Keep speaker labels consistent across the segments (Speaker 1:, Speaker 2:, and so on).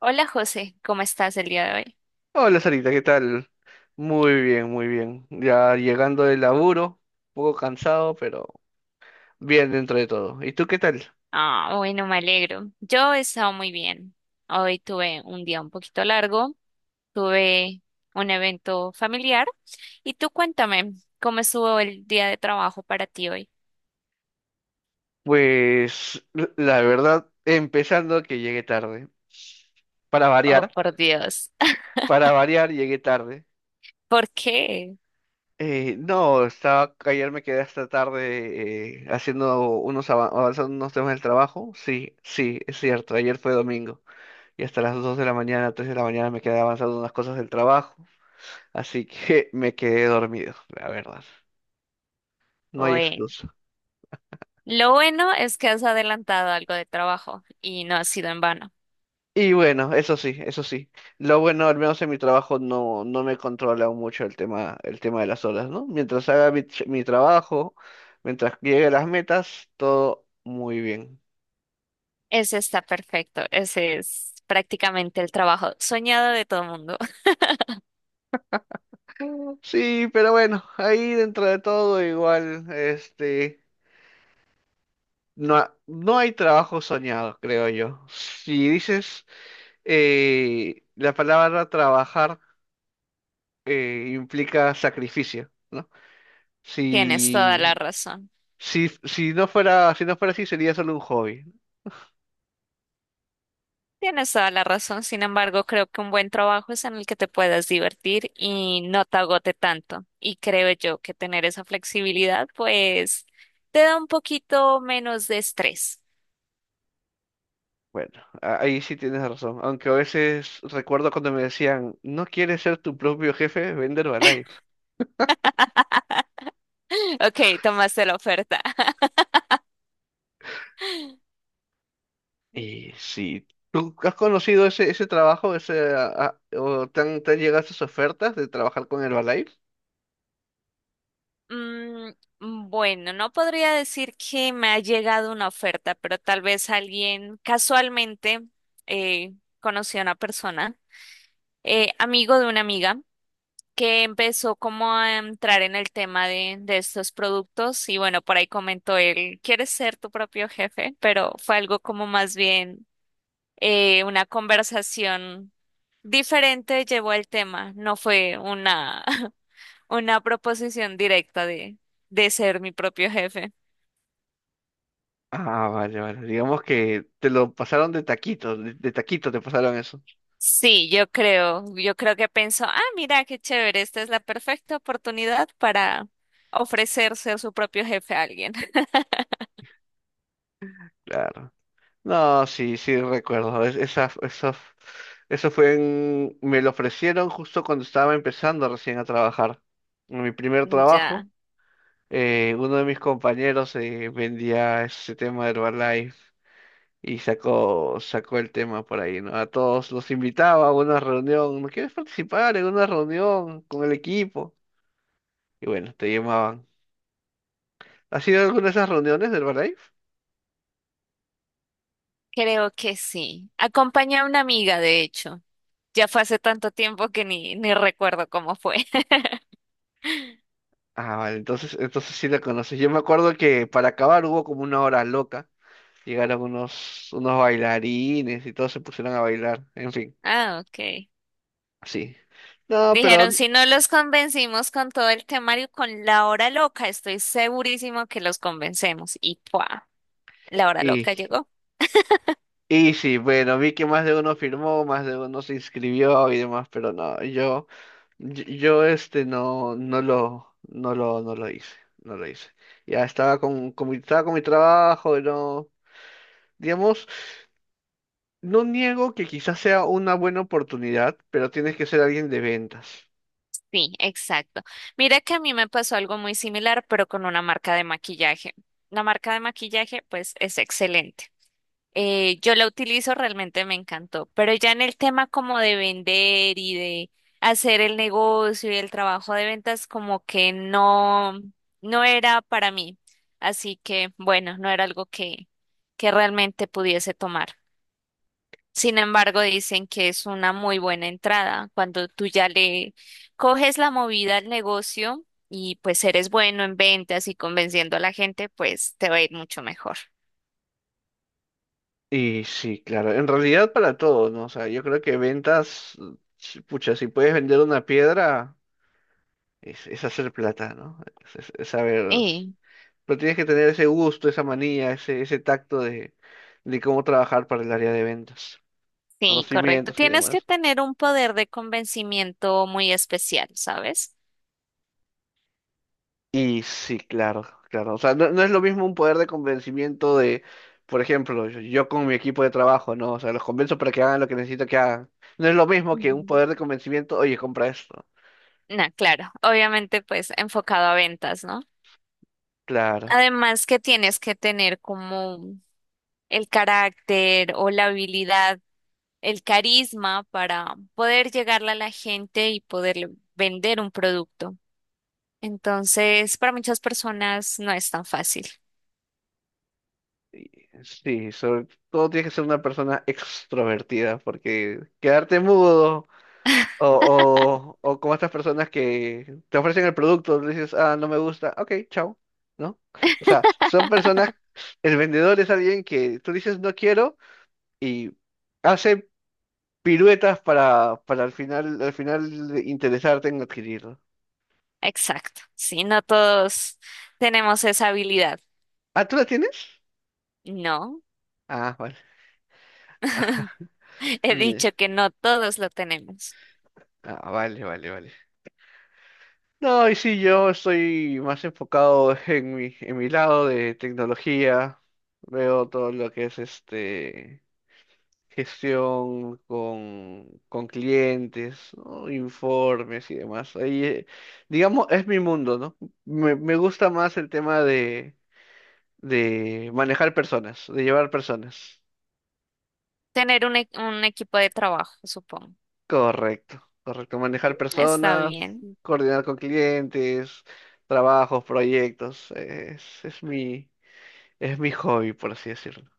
Speaker 1: Hola José, ¿cómo estás el día de hoy?
Speaker 2: Hola Sarita, ¿qué tal? Muy bien, muy bien. Ya llegando del laburo, un poco cansado, pero bien dentro de todo. ¿Y tú qué tal?
Speaker 1: Ah, bueno, me alegro. Yo he estado muy bien. Hoy tuve un día un poquito largo, tuve un evento familiar. Y tú cuéntame, ¿cómo estuvo el día de trabajo para ti hoy?
Speaker 2: Pues la verdad, empezando que llegué tarde. Para
Speaker 1: Oh,
Speaker 2: variar,
Speaker 1: por Dios.
Speaker 2: para variar llegué tarde.
Speaker 1: ¿Por qué?
Speaker 2: No, ayer me quedé hasta tarde haciendo avanzando unos temas del trabajo. Sí, sí, es cierto. Ayer fue domingo y hasta las 2 de la mañana, 3 de la mañana me quedé avanzando unas cosas del trabajo. Así que me quedé dormido, la verdad. No hay
Speaker 1: Bueno,
Speaker 2: excusa.
Speaker 1: lo bueno es que has adelantado algo de trabajo y no ha sido en vano.
Speaker 2: Y bueno, eso sí, eso sí. Lo bueno, al menos en mi trabajo no, no me controla mucho el tema de las horas, ¿no? Mientras haga mi trabajo, mientras llegue a las metas, todo muy bien.
Speaker 1: Ese está perfecto. Ese es prácticamente el trabajo soñado de todo el mundo.
Speaker 2: Sí, pero bueno, ahí dentro de todo igual, este, no, no hay trabajo soñado, creo yo. Si dices, la palabra trabajar, implica sacrificio, ¿no?
Speaker 1: Tienes toda la
Speaker 2: Si,
Speaker 1: razón.
Speaker 2: si no fuera así, sería solo un hobby.
Speaker 1: Tienes toda la razón, sin embargo, creo que un buen trabajo es en el que te puedas divertir y no te agote tanto. Y creo yo que tener esa flexibilidad, pues, te da un poquito menos de estrés.
Speaker 2: Bueno, ahí sí tienes razón. Aunque a veces recuerdo cuando me decían, ¿no quieres ser tu propio jefe? Vender Herbalife.
Speaker 1: Ok, tomaste la oferta.
Speaker 2: Y si tú has conocido ese, trabajo, o te han llegado esas ofertas de trabajar con Herbalife.
Speaker 1: Mm, bueno, no podría decir que me ha llegado una oferta, pero tal vez alguien casualmente eh, conoció a una persona, amigo de una amiga. Que empezó como a entrar en el tema de estos productos y bueno, por ahí comentó él, ¿quieres ser tu propio jefe? Pero fue algo como más bien una conversación diferente llevó el tema, no fue una, una proposición directa de ser mi propio jefe.
Speaker 2: Ah, vale, vale. Digamos que te lo pasaron de taquito, de taquito te pasaron eso.
Speaker 1: Sí, yo creo que pensó, ah, mira, qué chévere, esta es la perfecta oportunidad para ofrecerse a su propio jefe a alguien.
Speaker 2: Claro. No, sí, sí, recuerdo. Eso fue en... Me lo ofrecieron justo cuando estaba empezando recién a trabajar. En mi primer trabajo,
Speaker 1: Ya.
Speaker 2: uno de mis compañeros vendía ese tema de Herbalife y sacó el tema por ahí, ¿no? A todos los invitaba a una reunión. ¿No quieres participar en una reunión con el equipo? Y bueno, te llamaban. ¿Has ido a alguna de esas reuniones de Herbalife?
Speaker 1: Creo que sí. Acompañé a una amiga, de hecho. Ya fue hace tanto tiempo que ni recuerdo cómo fue.
Speaker 2: Ah, vale, entonces sí la conoces. Yo me acuerdo que para acabar hubo como una hora loca. Llegaron unos bailarines y todos se pusieron a bailar. En fin,
Speaker 1: Ah, ok.
Speaker 2: sí. No, pero...
Speaker 1: Dijeron, si no los convencimos con todo el temario, con la hora loca, estoy segurísimo que los convencemos. ¡Y pua! La hora loca
Speaker 2: Y,
Speaker 1: llegó.
Speaker 2: y sí, bueno, vi que más de uno firmó, más de uno se inscribió y demás, pero no, yo, este no, no lo hice, no lo hice. Ya estaba con mi, estaba con mi trabajo, y no, digamos, no niego que quizás sea una buena oportunidad, pero tienes que ser alguien de ventas.
Speaker 1: Sí, exacto. Mira que a mí me pasó algo muy similar, pero con una marca de maquillaje. La marca de maquillaje, pues, es excelente. Yo la utilizo, realmente me encantó, pero ya en el tema como de vender y de hacer el negocio y el trabajo de ventas, como que no, no era para mí. Así que, bueno, no era algo que realmente pudiese tomar. Sin embargo, dicen que es una muy buena entrada cuando tú ya le coges la movida al negocio y pues eres bueno en ventas y convenciendo a la gente, pues te va a ir mucho mejor.
Speaker 2: Y sí, claro, en realidad para todo, ¿no? O sea, yo creo que ventas, pucha, si puedes vender una piedra, es hacer plata, ¿no? Es saber, pero tienes que tener ese gusto, esa manía, ese tacto de cómo trabajar para el área de ventas,
Speaker 1: Sí, correcto.
Speaker 2: conocimientos y
Speaker 1: Tienes que
Speaker 2: demás.
Speaker 1: tener un poder de convencimiento muy especial, ¿sabes?
Speaker 2: Y sí, claro, claro. O sea, no es lo mismo un poder de convencimiento de, por ejemplo, yo con mi equipo de trabajo, ¿no? O sea, los convenzo para que hagan lo que necesito que hagan. No es lo mismo que un
Speaker 1: Ujú.
Speaker 2: poder de convencimiento, oye, compra esto.
Speaker 1: No, claro, obviamente pues enfocado a ventas, ¿no?
Speaker 2: Claro.
Speaker 1: Además que tienes que tener como el carácter o la habilidad, el carisma para poder llegarle a la gente y poder vender un producto. Entonces, para muchas personas no es tan fácil.
Speaker 2: Sí, sobre todo tienes que ser una persona extrovertida, porque quedarte mudo o como estas personas que te ofrecen el producto, le dices, ah, no me gusta, ok, chao, ¿no? O sea, son personas, el vendedor es alguien que tú dices no quiero y hace piruetas para al final de interesarte en adquirirlo.
Speaker 1: Exacto. Sí, no todos tenemos esa habilidad.
Speaker 2: Ah, ¿tú la tienes?
Speaker 1: No.
Speaker 2: Ah, vale. Ah,
Speaker 1: He dicho
Speaker 2: ye-
Speaker 1: que no todos lo tenemos.
Speaker 2: ah, vale, vale, vale. No, y sí, yo estoy más enfocado en mi lado de tecnología. Veo todo lo que es este gestión con clientes, ¿no? Informes y demás. Ahí, digamos, es mi mundo, ¿no? Me gusta más el tema de manejar personas, de llevar personas.
Speaker 1: Tener un, un equipo de trabajo, supongo.
Speaker 2: Correcto, correcto.
Speaker 1: Mm.
Speaker 2: Manejar
Speaker 1: Está
Speaker 2: personas,
Speaker 1: bien.
Speaker 2: coordinar con clientes, trabajos, proyectos. Es mi hobby, por así decirlo.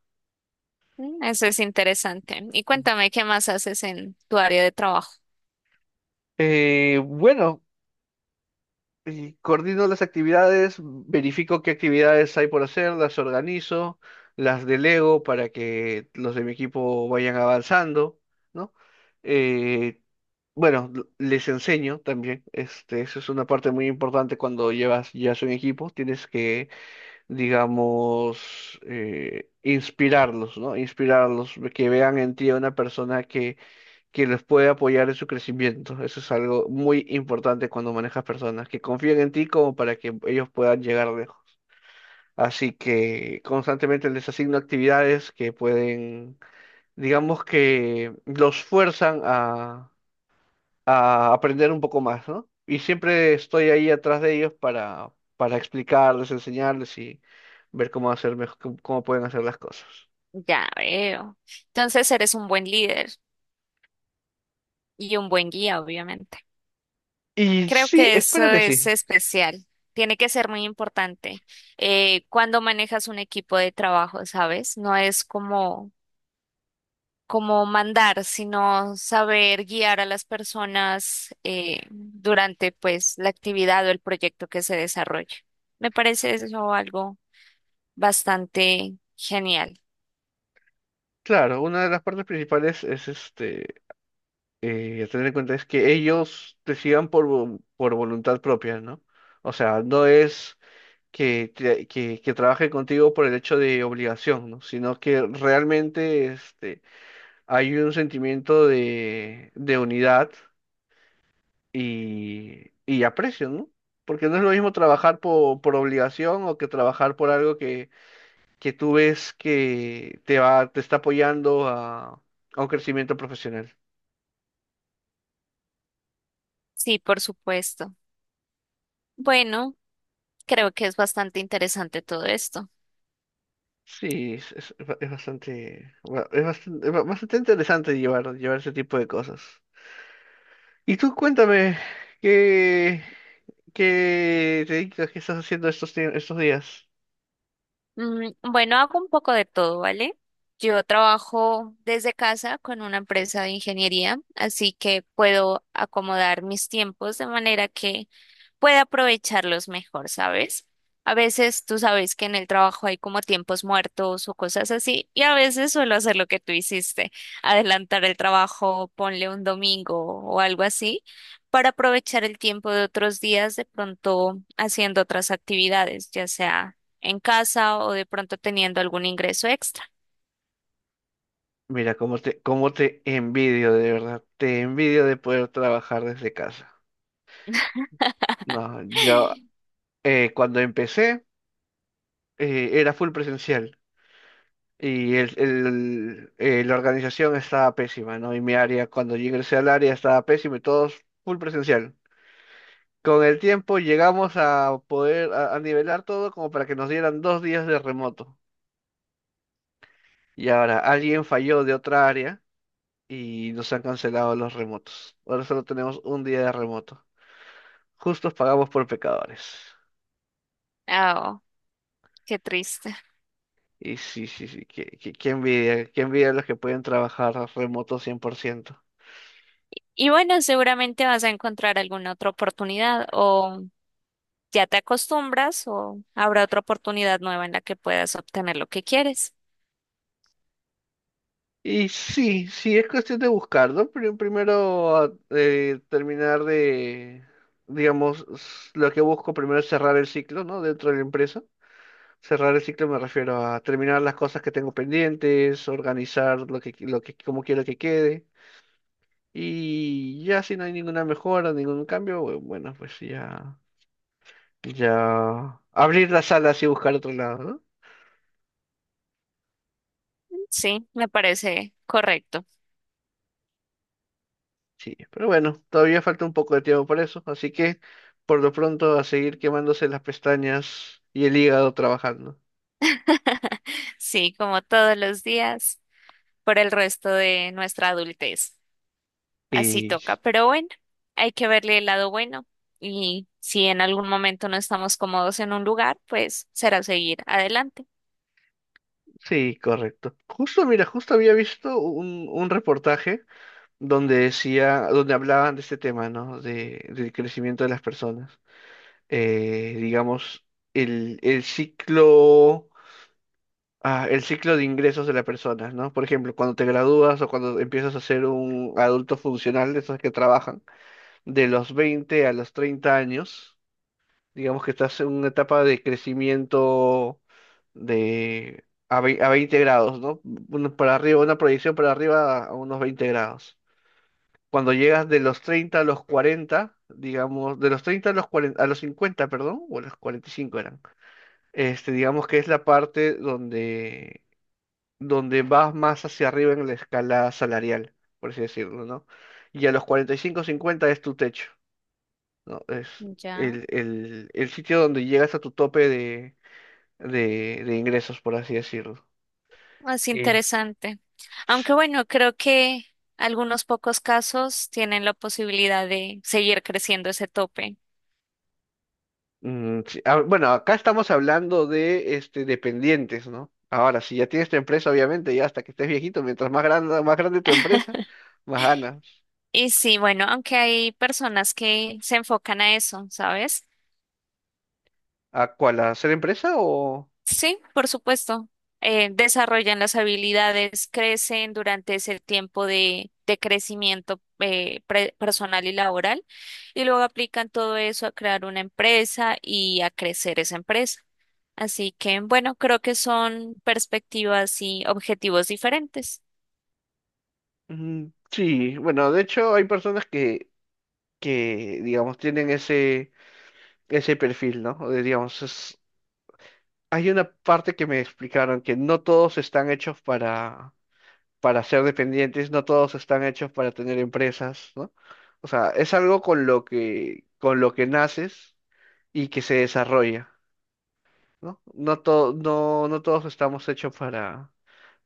Speaker 1: Mm. Eso es interesante. Y cuéntame qué más haces en tu área de trabajo.
Speaker 2: Bueno, y coordino las actividades, verifico qué actividades hay por hacer, las organizo, las delego para que los de mi equipo vayan avanzando, ¿no? Eh, bueno, les enseño también, este, eso es una parte muy importante cuando llevas ya un equipo, tienes que, digamos, inspirarlos, ¿no? Inspirarlos, que vean en ti a una persona que los puede apoyar en su crecimiento. Eso es algo muy importante cuando manejas personas, que confíen en ti como para que ellos puedan llegar lejos. Así que constantemente les asigno actividades que pueden, digamos que los fuerzan a aprender un poco más, ¿no? Y siempre estoy ahí atrás de ellos para explicarles, enseñarles y ver cómo hacer mejor, cómo pueden hacer las cosas.
Speaker 1: Ya veo. Entonces eres un buen líder y un buen guía, obviamente.
Speaker 2: Y
Speaker 1: Creo
Speaker 2: sí,
Speaker 1: que eso
Speaker 2: espero que
Speaker 1: es
Speaker 2: sí.
Speaker 1: especial. Tiene que ser muy importante cuando manejas un equipo de trabajo, ¿sabes? No es como como mandar, sino saber guiar a las personas durante pues la actividad o el proyecto que se desarrolla. Me parece eso algo bastante genial.
Speaker 2: Claro, una de las partes principales es este tener en cuenta es que ellos decidan por voluntad propia, ¿no? O sea, no es que trabaje contigo por el hecho de obligación, ¿no? Sino que realmente este, hay un sentimiento de unidad y aprecio, ¿no? Porque no es lo mismo trabajar por obligación o que trabajar por algo que tú ves que te está apoyando a un crecimiento profesional.
Speaker 1: Sí, por supuesto. Bueno, creo que es bastante interesante todo esto.
Speaker 2: Sí, bastante interesante llevar ese tipo de cosas. Y tú cuéntame, ¿qué, qué te dedicas, qué estás haciendo estos días?
Speaker 1: Bueno, hago un poco de todo, ¿vale? Yo trabajo desde casa con una empresa de ingeniería, así que puedo acomodar mis tiempos de manera que puede aprovecharlos mejor, ¿sabes? A veces tú sabes que en el trabajo hay como tiempos muertos o cosas así, y a veces suelo hacer lo que tú hiciste, adelantar el trabajo, ponle un domingo o algo así, para aprovechar el tiempo de otros días de pronto haciendo otras actividades, ya sea en casa o de pronto teniendo algún ingreso extra.
Speaker 2: Mira, cómo te envidio, de verdad. Te envidio de poder trabajar desde casa. No, yo cuando empecé era full presencial y la organización estaba pésima, ¿no? Y mi área, cuando yo ingresé al área, estaba pésima y todos full presencial. Con el tiempo llegamos a poder a nivelar todo como para que nos dieran 2 días de remoto. Y ahora alguien falló de otra área y nos han cancelado los remotos. Ahora solo tenemos un día de remoto. Justos pagamos por pecadores.
Speaker 1: Oh, qué triste.
Speaker 2: Y sí, sí, sí, qué envidia, qué envidia los que pueden trabajar remoto 100%.
Speaker 1: Y bueno, seguramente vas a encontrar alguna otra oportunidad o ya te acostumbras o habrá otra oportunidad nueva en la que puedas obtener lo que quieres.
Speaker 2: Y sí, sí, es cuestión de buscarlo. Pero primero terminar digamos, lo que busco primero es cerrar el ciclo, ¿no? Dentro de la empresa. Cerrar el ciclo me refiero a terminar las cosas que tengo pendientes, organizar como quiero que quede. Y ya si no hay ninguna mejora, ningún cambio, bueno, pues ya abrir las salas y buscar otro lado, ¿no?
Speaker 1: Sí, me parece correcto.
Speaker 2: Sí, pero bueno, todavía falta un poco de tiempo para eso, así que por lo pronto a seguir quemándose las pestañas y el hígado trabajando.
Speaker 1: Sí, como todos los días, por el resto de nuestra adultez. Así
Speaker 2: Y
Speaker 1: toca. Pero bueno, hay que verle el lado bueno. Y si en algún momento no estamos cómodos en un lugar, pues será seguir adelante.
Speaker 2: sí, correcto. Justo, mira, justo había visto un reportaje donde decía, donde hablaban de este tema, ¿no? De, del crecimiento de las personas. Digamos, el, el ciclo, el ciclo de ingresos de las personas, ¿no? Por ejemplo, cuando te gradúas o cuando empiezas a ser un adulto funcional, de esos que trabajan, de los 20 a los 30 años, digamos que estás en una etapa de crecimiento de... A a 20 grados, ¿no? Uno para arriba, una proyección para arriba a unos 20 grados. Cuando llegas de los 30 a los 40 digamos, de los 30 a los 40 a los 50 perdón, o a los 45 eran, este, digamos que es la parte donde, donde vas más hacia arriba en la escala salarial, por así decirlo, ¿no? Y a los 45 50 es tu techo, ¿no? Es
Speaker 1: Ya.
Speaker 2: el sitio donde llegas a tu tope de ingresos, por así decirlo.
Speaker 1: Es interesante. Aunque bueno, creo que algunos pocos casos tienen la posibilidad de seguir creciendo ese tope.
Speaker 2: Mm, sí, ah, bueno, acá estamos hablando de este dependientes, ¿no? Ahora, si ya tienes tu empresa, obviamente, ya hasta que estés viejito, mientras más grande tu empresa, más ganas.
Speaker 1: Y sí, bueno, aunque hay personas que se enfocan a eso, ¿sabes?
Speaker 2: ¿A cuál? ¿A hacer empresa o...?
Speaker 1: Sí, por supuesto. Desarrollan las habilidades, crecen durante ese tiempo de crecimiento personal y laboral, y luego aplican todo eso a crear una empresa y a crecer esa empresa. Así que, bueno, creo que son perspectivas y objetivos diferentes.
Speaker 2: Mm, sí, bueno, de hecho hay personas que digamos, tienen ese, perfil, ¿no? O de, digamos, hay una parte que me explicaron que no todos están hechos para ser dependientes, no todos están hechos para tener empresas, ¿no? O sea, es algo con lo que naces y que se desarrolla, ¿no? No todos estamos hechos para,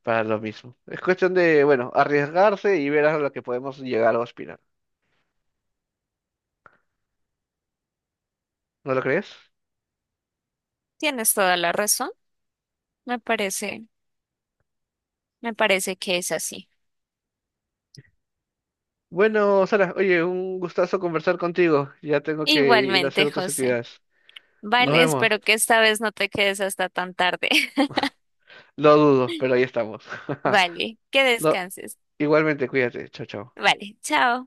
Speaker 2: lo mismo. Es cuestión de, bueno, arriesgarse y ver a lo que podemos llegar o aspirar. ¿No lo crees?
Speaker 1: Tienes toda la razón. Me parece, me parece que es así.
Speaker 2: Bueno, Sara, oye, un gustazo conversar contigo. Ya tengo que ir a hacer
Speaker 1: Igualmente,
Speaker 2: otras
Speaker 1: José.
Speaker 2: actividades. Nos
Speaker 1: Vale, espero
Speaker 2: vemos.
Speaker 1: que esta vez no te quedes hasta tan tarde.
Speaker 2: Lo dudo, pero ahí estamos.
Speaker 1: Vale, que
Speaker 2: No,
Speaker 1: descanses.
Speaker 2: igualmente, cuídate. Chao, chao.
Speaker 1: Vale, chao.